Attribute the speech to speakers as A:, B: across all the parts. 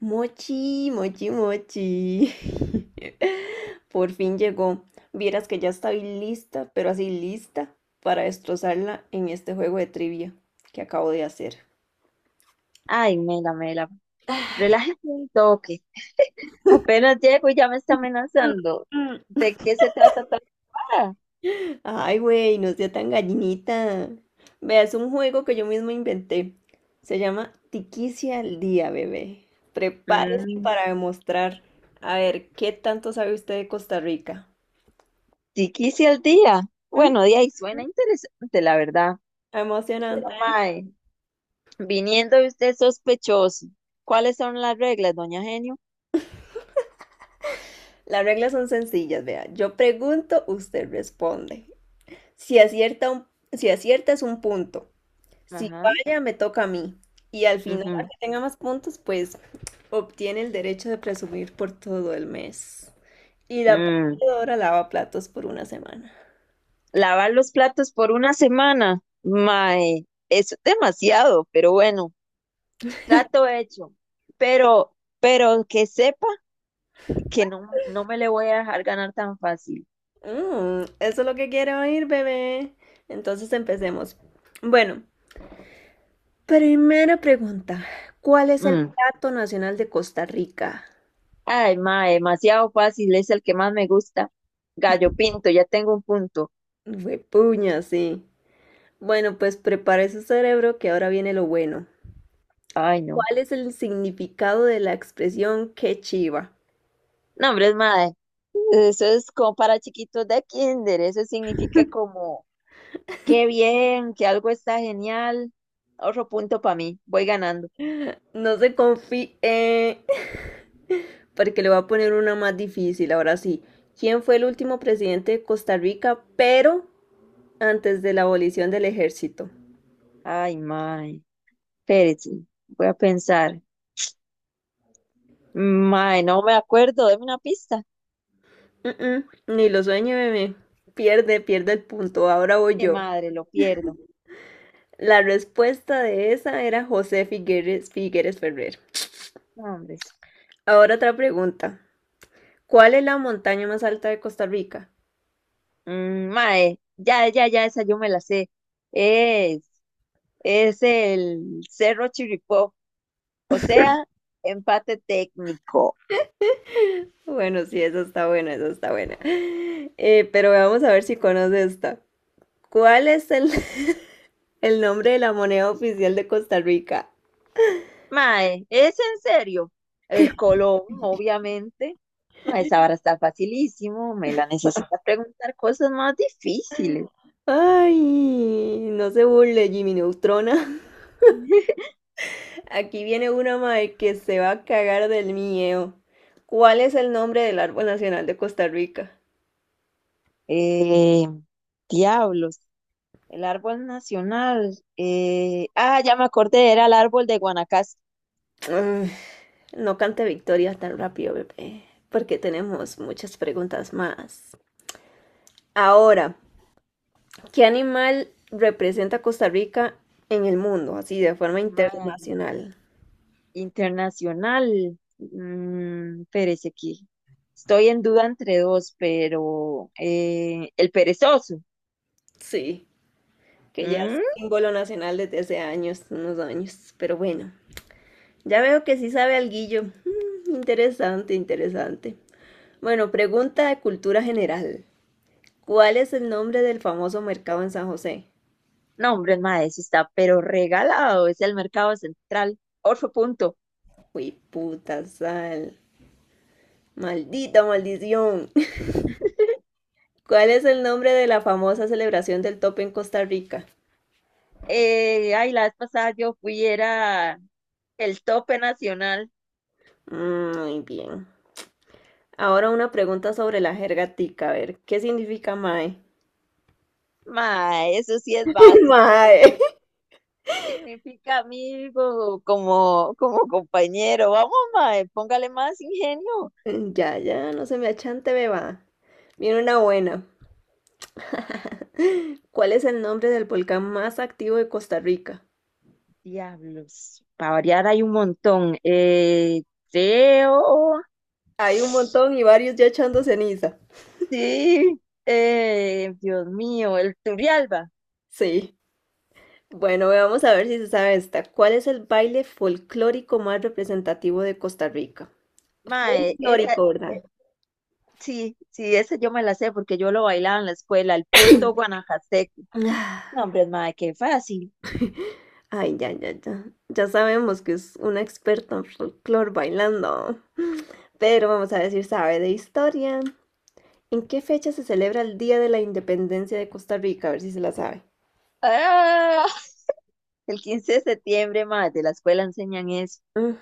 A: Mochi, mochi, mochi. Por fin llegó. Vieras que ya estoy lista, pero así lista para destrozarla en este juego de trivia que acabo de hacer.
B: Ay, Mela, Mela, relájese un toque. Apenas llego y ya me está amenazando.
A: Mm.
B: ¿De qué se trata tal para?
A: Ay, güey, no sea tan gallinita. Vea, es un juego que yo mismo inventé. Se llama Tiquicia al día, bebé. Prepárese
B: Mm,
A: para demostrar. A ver, ¿qué tanto sabe usted de Costa Rica?
B: sí quise al día.
A: mm,
B: Bueno, de ahí suena interesante, la verdad.
A: Emocionante.
B: Pero, mae, viniendo de usted sospechoso, ¿cuáles son las reglas, doña Genio?
A: Las reglas son sencillas, vea. Yo pregunto, usted responde. Si acierta, si acierta es un punto. Si
B: Ajá.
A: falla, me toca a mí. Y al final, al
B: Ujú.
A: que tenga más puntos, pues obtiene el derecho de presumir por todo el mes. Y la
B: Mm,
A: perdedora lava platos por una semana.
B: lavar los platos por una semana. Mae, eso es demasiado, pero bueno, trato hecho. Pero que sepa. Que no me le voy a dejar ganar tan fácil.
A: Mm, eso es lo que quiero oír, bebé. Entonces empecemos. Bueno, primera pregunta. ¿Cuál es el
B: Mm.
A: plato nacional de Costa Rica?
B: Ay, ma, demasiado fácil, es el que más me gusta. Gallo Pinto, ya tengo un punto.
A: Fue puña, sí. Bueno, pues prepare su cerebro que ahora viene lo bueno.
B: Ay, no.
A: ¿Cuál es el significado de la expresión qué chiva?
B: No, hombre, es madre. Eso es como para chiquitos de kinder. Eso significa como, qué bien, que algo está genial. Otro punto para mí. Voy ganando.
A: No se confíe, porque le voy a poner una más difícil, ahora sí. ¿Quién fue el último presidente de Costa Rica, pero antes de la abolición del ejército?
B: Ay, mae. Espérate. Voy a pensar. Mae, no me acuerdo. Deme una pista.
A: Mm, mm, ni lo sueñe, bebé. Pierde, pierde el punto. Ahora voy
B: Qué
A: yo.
B: madre, lo pierdo.
A: La respuesta de esa era José Figueres, Figueres Ferrer.
B: No, hombre.
A: Ahora otra pregunta. ¿Cuál es la montaña más alta de Costa Rica?
B: Mm, mae, ya, ya, ya, esa yo me la sé. Es, es el Cerro Chirripó, o sea, empate técnico.
A: Bueno, sí, esa está buena, esa está buena. Pero vamos a ver si conoce esta. ¿Cuál es el nombre de la moneda oficial de Costa Rica?
B: Mae, ¿es en serio? El Colón, obviamente. Mae, esa vara está facilísimo, me la necesita preguntar cosas más difíciles.
A: Ay, no se burle, Jimmy Neutrona. Aquí viene una madre que se va a cagar del miedo. ¿Cuál es el nombre del árbol nacional de Costa Rica?
B: Eh, Diablos, el árbol nacional. Ya me acordé, era el árbol de Guanacaste.
A: Ay, no cante victoria tan rápido, bebé, porque tenemos muchas preguntas más. Ahora, ¿qué animal representa a Costa Rica en el mundo, así de forma
B: Mae,
A: internacional?
B: Internacional. Mm, Pérez aquí. Estoy en duda entre dos, pero el perezoso.
A: Sí, que ya es
B: Mm.
A: símbolo nacional desde hace años, unos años, pero bueno, ya veo que sí sabe alguillo. Mm, interesante, interesante. Bueno, pregunta de cultura general. ¿Cuál es el nombre del famoso mercado en San José?
B: No, hombre, mae, eso está, pero regalado. Es el mercado central. Otro punto.
A: Uy, puta sal. Maldita maldición. ¿Cuál es el nombre de la famosa celebración del tope en Costa Rica?
B: Ay, la vez pasada yo fui, era el tope nacional.
A: Mm. Muy bien. Ahora una pregunta sobre la jerga tica, a ver, ¿qué significa mae?
B: Mae, eso sí es básico.
A: Mae.
B: Significa amigo, como compañero. Vamos, mae, póngale más ingenio.
A: Ya, ya, no se me achante, beba. Viene una buena. ¿Cuál es el nombre del volcán más activo de Costa Rica?
B: Diablos, para variar hay un montón. Creo,
A: Hay un
B: sí,
A: montón y varios ya echando ceniza.
B: Dios mío, el Turrialba.
A: Sí. Bueno, vamos a ver si se sabe esta. ¿Cuál es el baile folclórico más representativo de Costa Rica?
B: Mae, esa,
A: Folclórico, ¿verdad?
B: eh, sí, esa yo me la sé porque yo lo bailaba en la escuela, el punto Guanajaseco.
A: Ah.
B: No, hombre, mae, qué fácil.
A: Ay, ya, ya, ya. Ya sabemos que es una experta en folclore bailando. Pero vamos a decir, sabe de historia. ¿En qué fecha se celebra el Día de la Independencia de Costa Rica? A ver si se la sabe.
B: Ah, el quince de septiembre, mae, de la escuela enseñan eso.
A: Mm.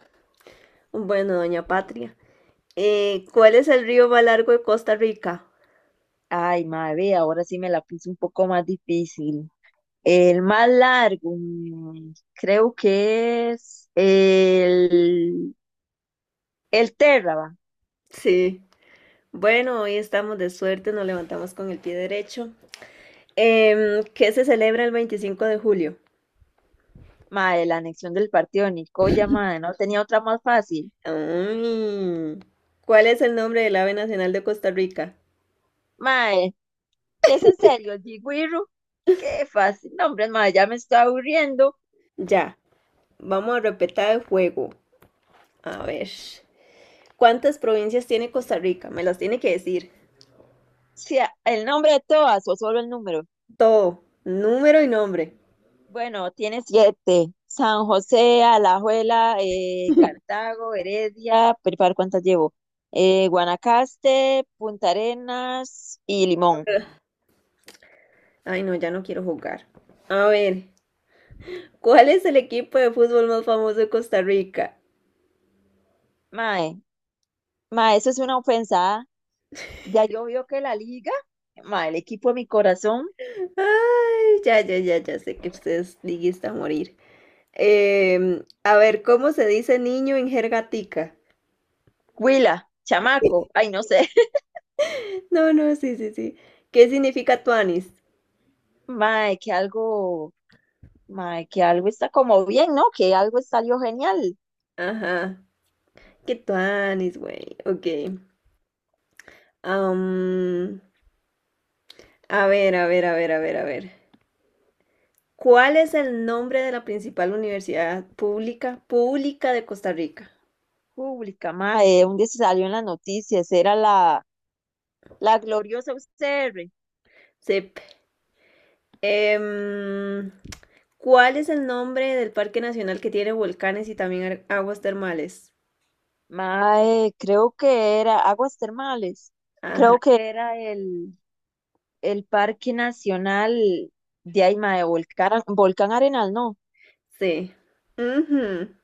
A: Bueno, doña Patria. ¿Cuál es el río más largo de Costa Rica?
B: Ay, mae, ve, ahora sí me la puse un poco más difícil. El más largo, mm, creo que es el Terraba,
A: Sí. Bueno, hoy estamos de suerte, nos levantamos con el pie derecho. Em, ¿qué se celebra el 25 de julio?
B: mae, la anexión del partido de Nicoya, mae, no tenía otra más fácil.
A: Mm. ¿Cuál es el nombre del ave nacional de Costa Rica?
B: Mae, es en serio, el Jiguiru, qué fácil. Nombre, mae, ya me está aburriendo.
A: Ya, vamos a repetir el juego. A ver. ¿Cuántas provincias tiene Costa Rica? Me las tiene que decir.
B: Si a- ¿El nombre de todas o solo el número?
A: Todo, número y nombre.
B: Bueno, tiene siete. San José, Alajuela, Cartago, Heredia, pero ¿para ¿cuántas llevo? Guanacaste, Punta Arenas y Limón.
A: Ay, no, ya no quiero jugar. A ver, ¿cuál es el equipo de fútbol más famoso de Costa Rica?
B: Mae, Mae, eso es una ofensa. ¿Ah? Ya yo veo que la liga, mae, el equipo de mi corazón.
A: Ay, ya, ya, ya, ya sé que ustedes liguista a morir. Em, a ver, ¿cómo se dice niño en jerga tica?
B: Huila, chamaco, ay, no sé.
A: No, no, sí, sí, sí. ¿Qué significa tuanis?
B: Mae, mae, que algo está como bien, ¿no? Que algo salió genial.
A: Ajá. ¿Qué tuanis, güey? Ok. Am, a ver, a ver, a ver, a ver, a ver. ¿Cuál es el nombre de la principal universidad pública de Costa Rica?
B: Pública, mae, un día se salió en las noticias, era la gloriosa UCR.
A: Sip. Em, ¿cuál es el nombre del parque nacional que tiene volcanes y también aguas termales?
B: Mae, creo que era Aguas Termales,
A: Ajá,
B: creo que era el Parque Nacional de ahí, mae, Volcán Arenal, no,
A: sí. Ujú.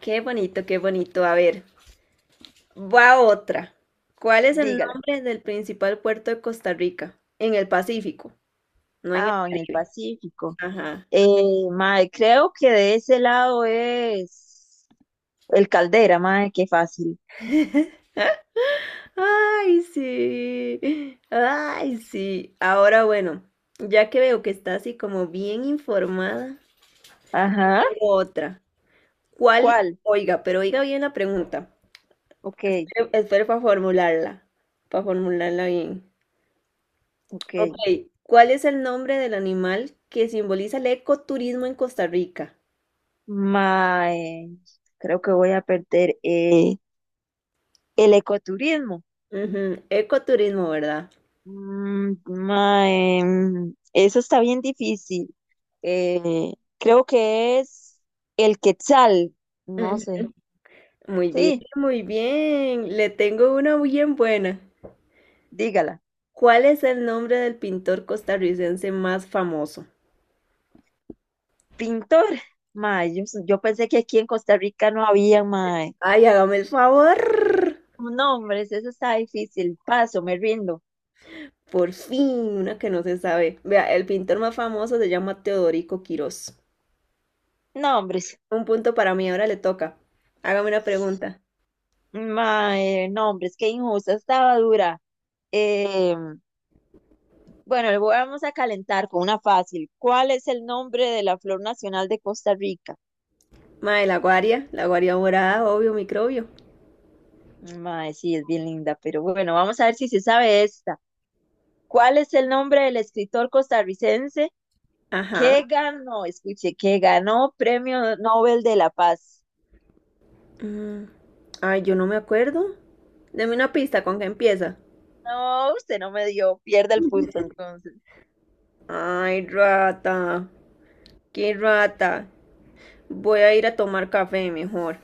A: Qué bonito, qué bonito. A ver, va otra. ¿Cuál es el
B: dígala.
A: nombre del principal puerto de Costa Rica? En el Pacífico, no en el
B: Ah, en el
A: Caribe.
B: Pacífico.
A: Ajá.
B: Eh, Mae, creo que de ese lado es el Caldera, mae, qué fácil.
A: Ay, sí. Ay, sí. Ahora bueno, ya que veo que está así como bien informada,
B: Ajá.
A: tengo otra. ¿Cuál?
B: ¿Cuál?
A: Oiga, pero oiga bien la pregunta.
B: Ok,
A: Espere, espere para formularla bien.
B: ok.
A: Ok, ¿cuál es el nombre del animal que simboliza el ecoturismo en Costa Rica?
B: Mae, creo que voy a perder el ecoturismo.
A: Ujú, ecoturismo, ¿verdad?
B: Mm, mae, mm, eso está bien difícil. Eh, Creo que es el Quetzal, no
A: Ujú.
B: sé.
A: Muy bien,
B: Sí,
A: muy bien. Le tengo una bien buena.
B: dígala.
A: ¿Cuál es el nombre del pintor costarricense más famoso?
B: Pintor, mae, yo pensé que aquí en Costa Rica no había, mae.
A: Ay, hágame el favor.
B: Nombres. Eso está difícil. Paso, me rindo.
A: Por fin, una que no se sabe. Vea, el pintor más famoso se llama Teodorico Quirós.
B: Nombres,
A: Un punto para mí, ahora le toca. Hágame una pregunta.
B: hombres, mae, no, qué injusta, estaba dura. Eh, bueno, vamos a calentar con una fácil. ¿Cuál es el nombre de la flor nacional de Costa Rica?
A: Mae, la guaria morada, obvio, microbio.
B: Mae, sí, es bien linda, pero bueno, vamos a ver si se sabe esta. ¿Cuál es el nombre del escritor costarricense
A: Ajá.
B: que ganó, escuche, que ganó Premio Nobel de la Paz?
A: Mm. Ay, yo no me acuerdo. Deme una pista, ¿con qué empieza?
B: No, usted no me dio, pierde el punto entonces.
A: Ay, rata. Qué rata. Voy a ir a tomar café mejor.